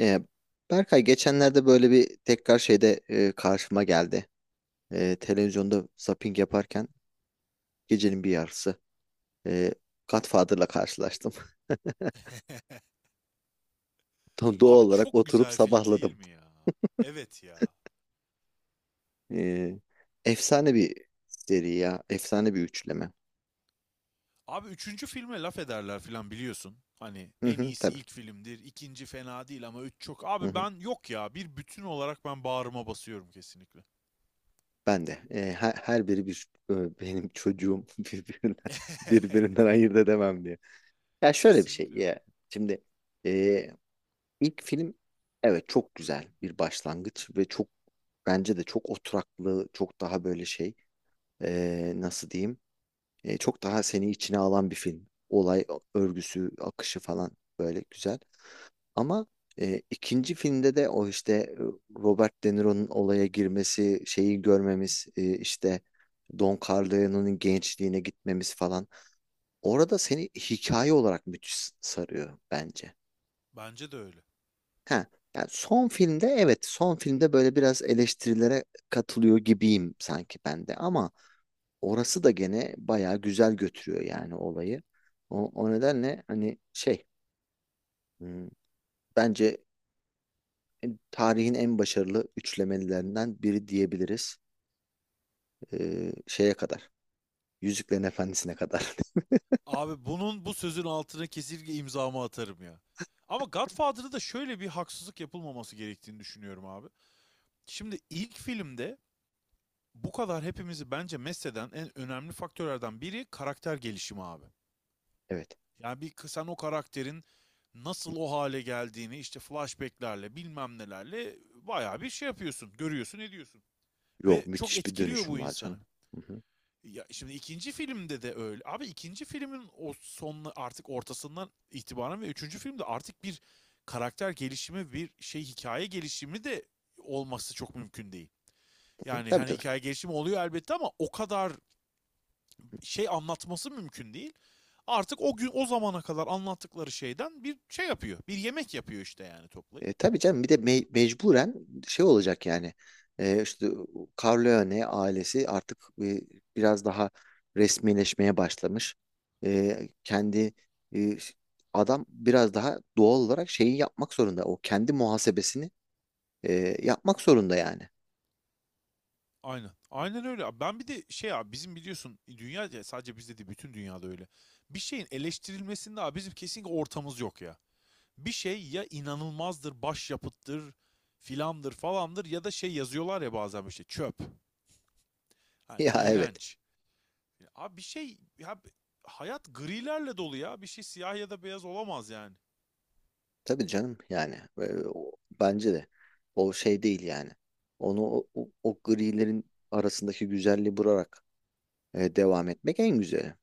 Ee, Berkay geçenlerde böyle bir tekrar şeyde, karşıma geldi. Televizyonda zapping yaparken gecenin bir yarısı e, Godfather'la karşılaştım. Doğal Abi, olarak çok oturup güzel film sabahladım. değil mi ya? Evet ya. E, efsane bir seri ya. Efsane bir üçleme. Abi, üçüncü filme laf ederler filan biliyorsun. Hani Hı en hı, iyisi tabii. ilk filmdir, ikinci fena değil ama üç çok. Hı Abi hı. ben yok ya, bir bütün olarak ben bağrıma basıyorum kesinlikle. Ben de. Her biri bir benim çocuğum birbirinden, birbirinden ayırt edemem diye. Ya şöyle bir şey Kesinlikle abi. ya. Şimdi e, İlk film, evet, çok güzel bir başlangıç ve çok, bence de çok oturaklı, çok daha böyle şey, nasıl diyeyim, çok daha seni içine alan bir film. Olay örgüsü, akışı falan böyle güzel. Ama ikinci filmde de o işte, Robert De Niro'nun olaya girmesi, şeyi görmemiz, işte Don Corleone'nin gençliğine gitmemiz falan. Orada seni hikaye olarak müthiş sarıyor bence. Bence de öyle. Ha, yani son filmde, evet, son filmde böyle biraz eleştirilere katılıyor gibiyim sanki ben de, ama orası da gene bayağı güzel götürüyor yani olayı. O nedenle hani şey, hmm, bence tarihin en başarılı üçlemelerinden biri diyebiliriz. Şeye kadar. Yüzüklerin Efendisi'ne kadar. Abi, bunun bu sözün altına kesinlikle imzamı atarım ya. Ama Godfather'da da şöyle bir haksızlık yapılmaması gerektiğini düşünüyorum abi. Şimdi ilk filmde bu kadar hepimizi bence mesleden en önemli faktörlerden biri karakter gelişimi abi. Evet. Yani bir sen o karakterin nasıl o hale geldiğini işte flashbacklerle bilmem nelerle bayağı bir şey yapıyorsun, görüyorsun, ediyorsun. Yo, Ve çok müthiş bir etkiliyor bu dönüşüm var insanı. canım. Hı hı. Ya, şimdi ikinci filmde de öyle. Abi, ikinci filmin o son artık ortasından itibaren ve üçüncü filmde artık bir karakter gelişimi, bir şey hikaye gelişimi de olması çok mümkün değil. Hı, Yani tabii hani tabii. hikaye gelişimi oluyor elbette ama o kadar şey anlatması mümkün değil. Artık o gün o zamana kadar anlattıkları şeyden bir şey yapıyor. Bir yemek yapıyor işte yani toplayıp. Tabii canım, bir de mecburen şey olacak yani. E, işte Corleone ailesi artık e, biraz daha resmileşmeye başlamış. E, kendi e, Adam biraz daha doğal olarak şeyi yapmak zorunda. O kendi muhasebesini yapmak zorunda yani. Aynen. Aynen öyle, abi. Ben bir de şey abi, bizim biliyorsun dünya ya sadece bizde değil bütün dünyada öyle. Bir şeyin eleştirilmesinde abi bizim kesinlikle ortamız yok ya. Bir şey ya inanılmazdır, başyapıttır, filandır falandır ya da şey yazıyorlar ya bazen işte çöp. Yani Ya, evet. iğrenç. Ya abi, bir şey ya, hayat grilerle dolu ya. Bir şey siyah ya da beyaz olamaz yani. Tabii canım yani. Ee, o- Bence de. O şey değil yani. Onu o grilerin arasındaki güzelliği bularak devam etmek en güzeli.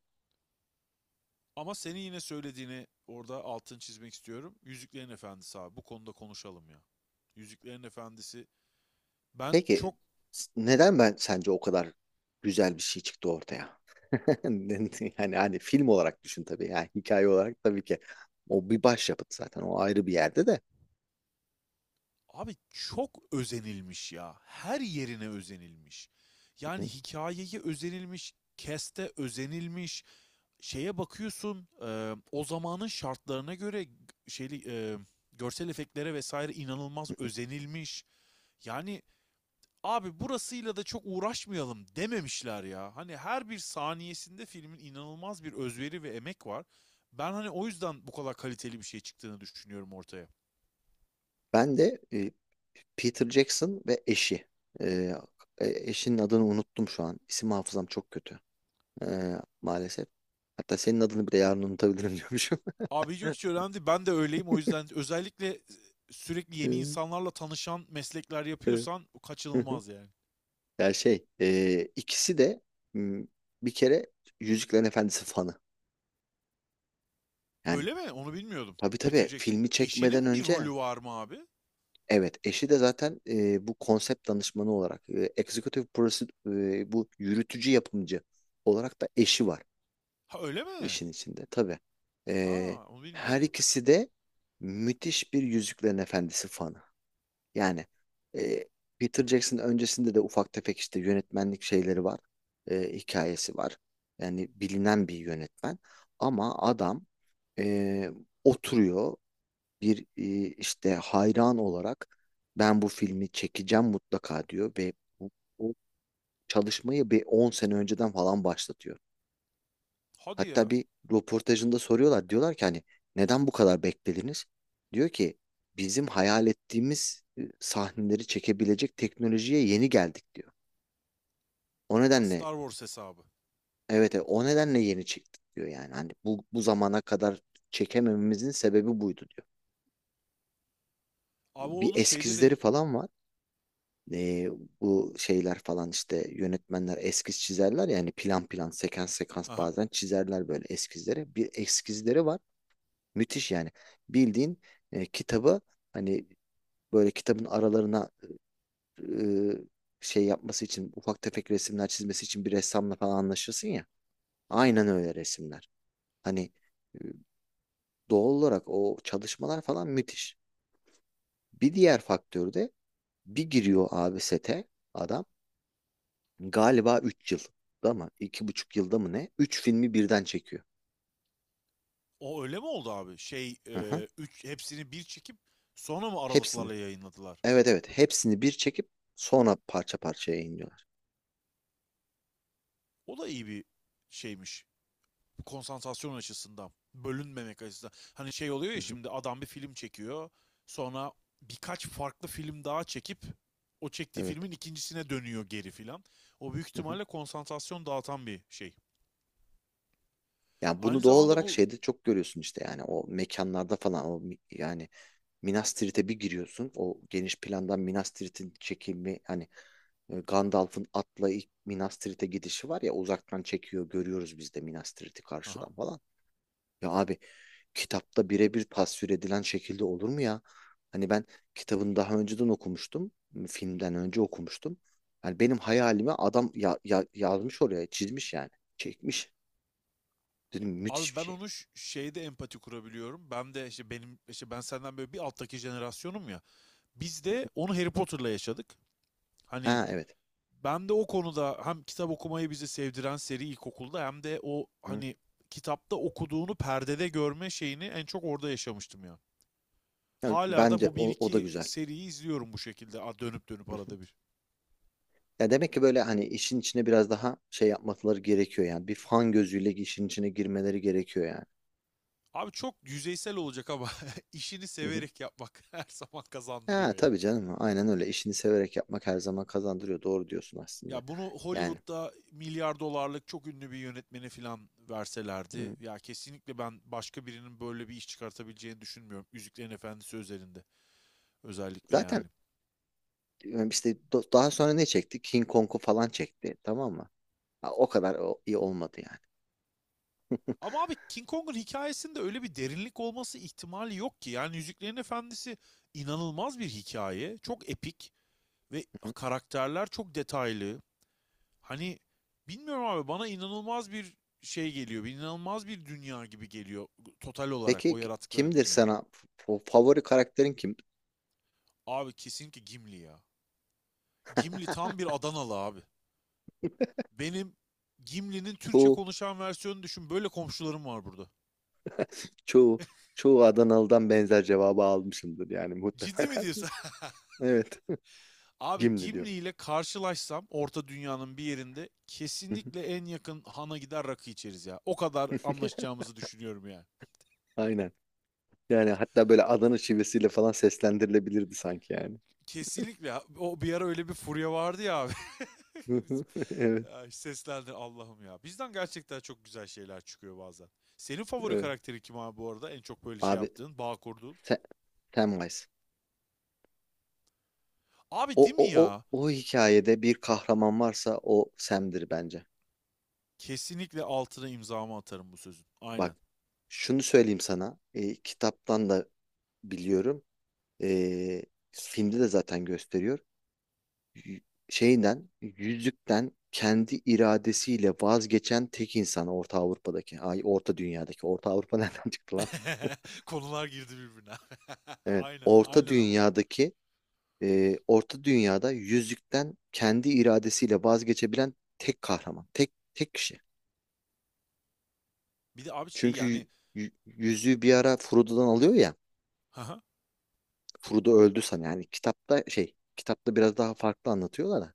Ama senin yine söylediğini orada altını çizmek istiyorum. Yüzüklerin Efendisi, abi, bu konuda konuşalım ya. Yüzüklerin Efendisi, ben Peki, çok neden ben sence o kadar güzel bir şey çıktı ortaya? Yani hani film olarak düşün tabii, yani hikaye olarak tabii ki o bir başyapıt zaten, o ayrı bir yerde de. abi, çok özenilmiş ya. Her yerine özenilmiş. Hı Yani hı, hikayeye özenilmiş, keste özenilmiş, şeye bakıyorsun, o zamanın şartlarına göre şeyli, görsel efektlere vesaire inanılmaz hı hı. özenilmiş. Yani abi, burasıyla da çok uğraşmayalım dememişler ya. Hani her bir saniyesinde filmin inanılmaz bir özveri ve emek var. Ben hani o yüzden bu kadar kaliteli bir şey çıktığını düşünüyorum ortaya. Ben de, Peter Jackson ve eşi. Ee, Eşinin adını unuttum şu an. İsim hafızam çok kötü. Ee, Maalesef. Hatta senin adını bile yarın unutabilirim diyormuşum. Abi yok, Hı, hiç önemli değil. Ben de öyleyim. O yüzden özellikle sürekli yeni insanlarla tanışan meslekler evet. yapıyorsan Hı hı. kaçınılmaz yani. Ya şey, ikisi de, m, bir kere Yüzüklerin Efendisi fanı. Yani Öyle mi? Onu bilmiyordum. tabii tabii, Bitireceksin. filmi çekmeden Eşinin bir önce, rolü var mı abi? evet, eşi de zaten bu konsept danışmanı olarak, bu yürütücü yapımcı olarak da eşi var. Ha öyle mi? İşin içinde tabii. Ee, Ha, onu her bilmiyordum. ikisi de müthiş bir Yüzüklerin Efendisi fanı. Yani, e, Peter Jackson öncesinde de ufak tefek işte yönetmenlik şeyleri var. Hikayesi var. Yani bilinen bir yönetmen. Ama adam, e, oturuyor bir işte hayran olarak, ben bu filmi çekeceğim mutlaka, diyor ve bu, bu çalışmayı bir 10 sene önceden falan başlatıyor. Hadi Hatta ya. bir röportajında soruyorlar. Diyorlar ki hani, neden bu kadar beklediniz? Diyor ki, bizim hayal ettiğimiz sahneleri çekebilecek teknolojiye yeni geldik, diyor. O Aa, nedenle, Star Wars hesabı. evet, o nedenle yeni çıktık diyor yani. Hani bu zamana kadar çekemememizin sebebi buydu diyor. Abi Bir onun şeyde de... eskizleri falan var. E, bu şeyler falan işte, yönetmenler eskiz çizerler yani, plan plan sekans sekans Aha. bazen çizerler böyle eskizleri. Bir eskizleri var. Müthiş yani. Bildiğin, kitabı hani böyle kitabın aralarına e, şey yapması için, ufak tefek resimler çizmesi için bir ressamla falan anlaşırsın ya. Hı hı. Aynen öyle resimler. Hani, e, doğal olarak o çalışmalar falan müthiş. Bir diğer faktör de, bir giriyor abi sete adam, galiba 3 yıl da mı, 2,5 yılda mı ne, 3 filmi birden çekiyor. O öyle mi oldu abi? Şey, Hı hı. Üç, hepsini bir çekip sonra mı Hepsini. aralıklarla yayınladılar? Evet evet, hepsini bir çekip sonra parça parça yayınlıyorlar. O da iyi bir şeymiş. Bu konsantrasyon açısından, bölünmemek açısından. Hani şey oluyor Hı ya, hı. şimdi adam bir film çekiyor. Sonra birkaç farklı film daha çekip o çektiği Evet. filmin ikincisine dönüyor geri filan. O büyük Hı hı. ihtimalle konsantrasyon dağıtan bir şey. Yani Aynı bunu doğal zamanda olarak bu. şeyde çok görüyorsun işte, yani o mekanlarda falan, o yani Minas Tirith'e bir giriyorsun, o geniş plandan Minas Tirith'in çekimi hani, Gandalf'ın atla ilk Minas Tirith'e gidişi var ya, uzaktan çekiyor, görüyoruz biz de Minas Tirith'i Aha. karşıdan falan. Ya abi, kitapta birebir tasvir edilen şekilde olur mu ya? Hani ben kitabını daha önceden okumuştum. Filmden önce okumuştum. Yani benim hayalime adam ya, yazmış oraya, çizmiş yani. Çekmiş. Dedim, müthiş Abi bir ben şey. onu şeyde empati kurabiliyorum. Ben de işte benim işte ben senden böyle bir alttaki jenerasyonum ya. Biz de onu Harry Potter'la yaşadık. Hani Ha, evet. ben de o konuda hem kitap okumayı bizi sevdiren seri ilkokulda hem de o Hı. hani kitapta okuduğunu perdede görme şeyini en çok orada yaşamıştım ya. Ya Hala da bence bu bir o da iki güzel. seriyi izliyorum bu şekilde, dönüp dönüp Hı hı. arada bir. Ya demek ki böyle hani işin içine biraz daha şey yapmaları gerekiyor yani. Bir fan gözüyle işin içine girmeleri gerekiyor yani. Abi çok yüzeysel olacak ama işini Hı hı. severek yapmak her zaman Ha, kazandırıyor ya. tabii canım. Aynen öyle. İşini severek yapmak her zaman kazandırıyor. Doğru diyorsun aslında. Ya bunu Yani. Hollywood'da milyar dolarlık çok ünlü bir yönetmene falan Hı. verselerdi ya, kesinlikle ben başka birinin böyle bir iş çıkartabileceğini düşünmüyorum. Yüzüklerin Efendisi özelinde özellikle Zaten, yani. İşte, daha sonra ne çekti? King Kong'u falan çekti. Tamam mı? Ha, o kadar iyi olmadı yani. Ama abi, King Kong'un hikayesinde öyle bir derinlik olması ihtimali yok ki. Yani Yüzüklerin Efendisi inanılmaz bir hikaye. Çok epik ve Hı hı. karakterler çok detaylı. Hani bilmiyorum abi, bana inanılmaz bir şey geliyor. Bir inanılmaz bir dünya gibi geliyor, total olarak o Peki, yarattıkları kimdir dünya. sana? Favori karakterin kim? Abi kesinlikle Gimli ya. Gimli tam bir Adanalı abi. Benim Gimli'nin Türkçe Bu konuşan versiyonunu düşün. Böyle komşularım var burada. Çoğu çoğu Adanalı'dan benzer cevabı almışımdır yani Ciddi mi muhtemelen. diyorsun? Evet. Abi, Gimli diyor. Gimli ile karşılaşsam Orta Dünya'nın bir yerinde kesinlikle en yakın hana gider rakı içeriz ya. O kadar anlaşacağımızı düşünüyorum yani. Aynen. Yani hatta böyle Adana şivesiyle falan seslendirilebilirdi sanki yani. Kesinlikle. O bir ara öyle bir furya vardı ya abi. Biz- Evet, ya seslendi Allah'ım ya. Bizden gerçekten çok güzel şeyler çıkıyor bazen. Senin favori evet. karakteri kim abi bu arada? En çok böyle şey Abi yaptığın, bağ kurduğun. Sam, Samwise. O Abi değil mi o o ya? o hikayede bir kahraman varsa o Sam'dir bence. Kesinlikle altına imzamı atarım bu sözün. Bak, Aynen. şunu söyleyeyim sana. Kitaptan da biliyorum. E, Filmde de zaten gösteriyor. y- Şeyden, yüzükten kendi iradesiyle vazgeçen tek insan Orta Avrupa'daki, ay, Orta Dünya'daki, Orta Avrupa nereden çıktı lan? Konular girdi birbirine. Evet, Aynen, Orta aynen ama. Dünya'daki, Orta Dünya'da yüzükten kendi iradesiyle vazgeçebilen tek kahraman, tek kişi. Bir de abi şey Çünkü yani, yüzüğü bir ara Frodo'dan alıyor ya, haha, Frodo öldü san yani, kitapta şey, kitapta biraz daha farklı anlatıyorlar da,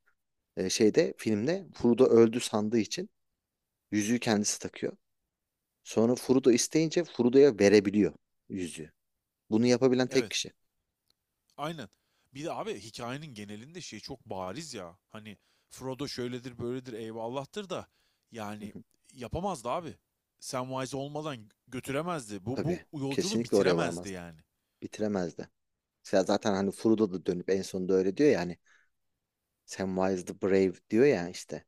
şeyde filmde Frodo öldü sandığı için yüzüğü kendisi takıyor. Sonra Furuda isteyince Furuda'ya verebiliyor yüzüğü. Bunu yapabilen tek evet. kişi. Aynen. Bir de abi hikayenin genelinde şey çok bariz ya. Hani Frodo şöyledir böyledir eyvallahtır da, Hı yani, hı. yapamazdı abi. Samwise olmadan götüremezdi. Bu Tabii, yolculuğu kesinlikle oraya bitiremezdi varmazdı. yani. Bitiremezdi. Ya zaten hani Furuda da dönüp en sonunda öyle diyor ya hani, Samwise the Brave diyor ya işte.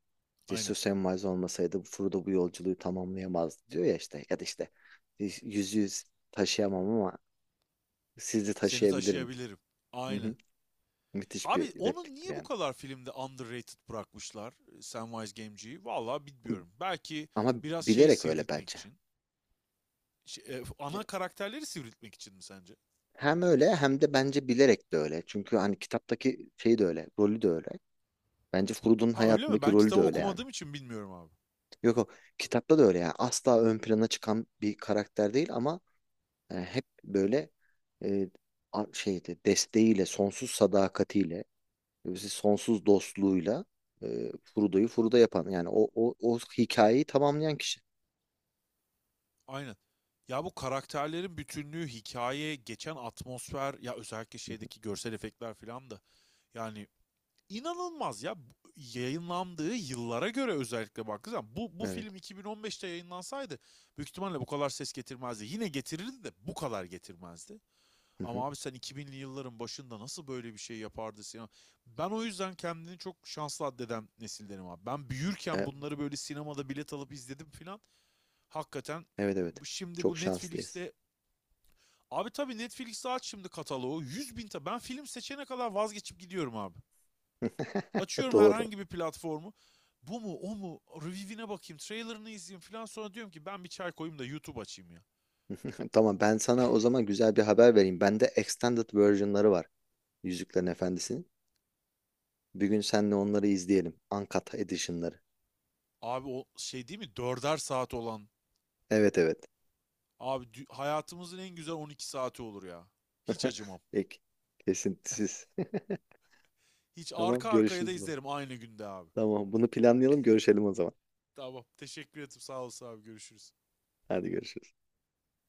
Cesur Aynen. Samwise olmasaydı Furuda bu yolculuğu tamamlayamazdı diyor ya işte. Ya da işte, yüzüğü taşıyamam ama sizi Seni taşıyabilirim. taşıyabilirim. Hı Aynen. hı. Müthiş bir Abi onun repliktir niye bu yani. kadar filmde underrated bırakmışlar Samwise Gamgee'yi? Vallahi bilmiyorum. Belki Ama biraz şey bilerek öyle sivriltmek bence. İçin. Şey, ana karakterleri sivriltmek için mi sence? Hem öyle hem de bence bilerek de öyle. Çünkü hani kitaptaki şey de öyle, rolü de öyle. Bence Frodo'nun Ha öyle mi? hayatındaki Ben rolü de kitabı öyle yani. okumadığım için bilmiyorum abi. Yok, o kitapta da öyle yani. Asla ön plana çıkan bir karakter değil ama, hep böyle e, şeyde, desteğiyle, sonsuz sadakatiyle, sonsuz dostluğuyla, Frodo'yu Frodo yapan, yani o hikayeyi tamamlayan kişi. Aynen. Ya bu karakterlerin bütünlüğü, hikaye, geçen atmosfer ya, özellikle Hı hı, şeydeki görsel efektler filan da, yani inanılmaz ya. Yayınlandığı yıllara göre özellikle baktığı zaman bu evet. film 2015'te yayınlansaydı büyük ihtimalle bu kadar ses getirmezdi. Yine getirirdi de bu kadar getirmezdi. Hı hı. Ama abi sen 2000'li yılların başında nasıl böyle bir şey yapardı sinema? Ben o yüzden kendini çok şanslı addeden nesildenim abi. Ben büyürken E, bunları böyle sinemada bilet alıp izledim filan. Hakikaten Evet evet. şimdi Çok bu şanslıyız. Netflix'te, abi tabii Netflix'te aç şimdi kataloğu 100 bin ta ben film seçene kadar vazgeçip gidiyorum abi. Açıyorum Doğru. herhangi bir platformu. Bu mu o mu review'ine bakayım, trailerını izleyeyim filan, sonra diyorum ki ben bir çay koyayım da YouTube açayım ya. Tamam, ben sana o zaman güzel bir haber vereyim. Bende extended version'ları var. Yüzüklerin Efendisi'nin. Bir gün seninle onları izleyelim. Uncut edition'ları. Abi o şey değil mi dörder saat olan. Evet evet. Abi hayatımızın en güzel 12 saati olur ya. Hiç acımam. Peki. Kesintisiz. Hiç Tamam, arka arkaya da görüşürüz o zaman. izlerim aynı günde abi. Tamam, bunu planlayalım, görüşelim o zaman. Tamam. Teşekkür ederim. Sağ olasın abi. Görüşürüz. Hadi, görüşürüz.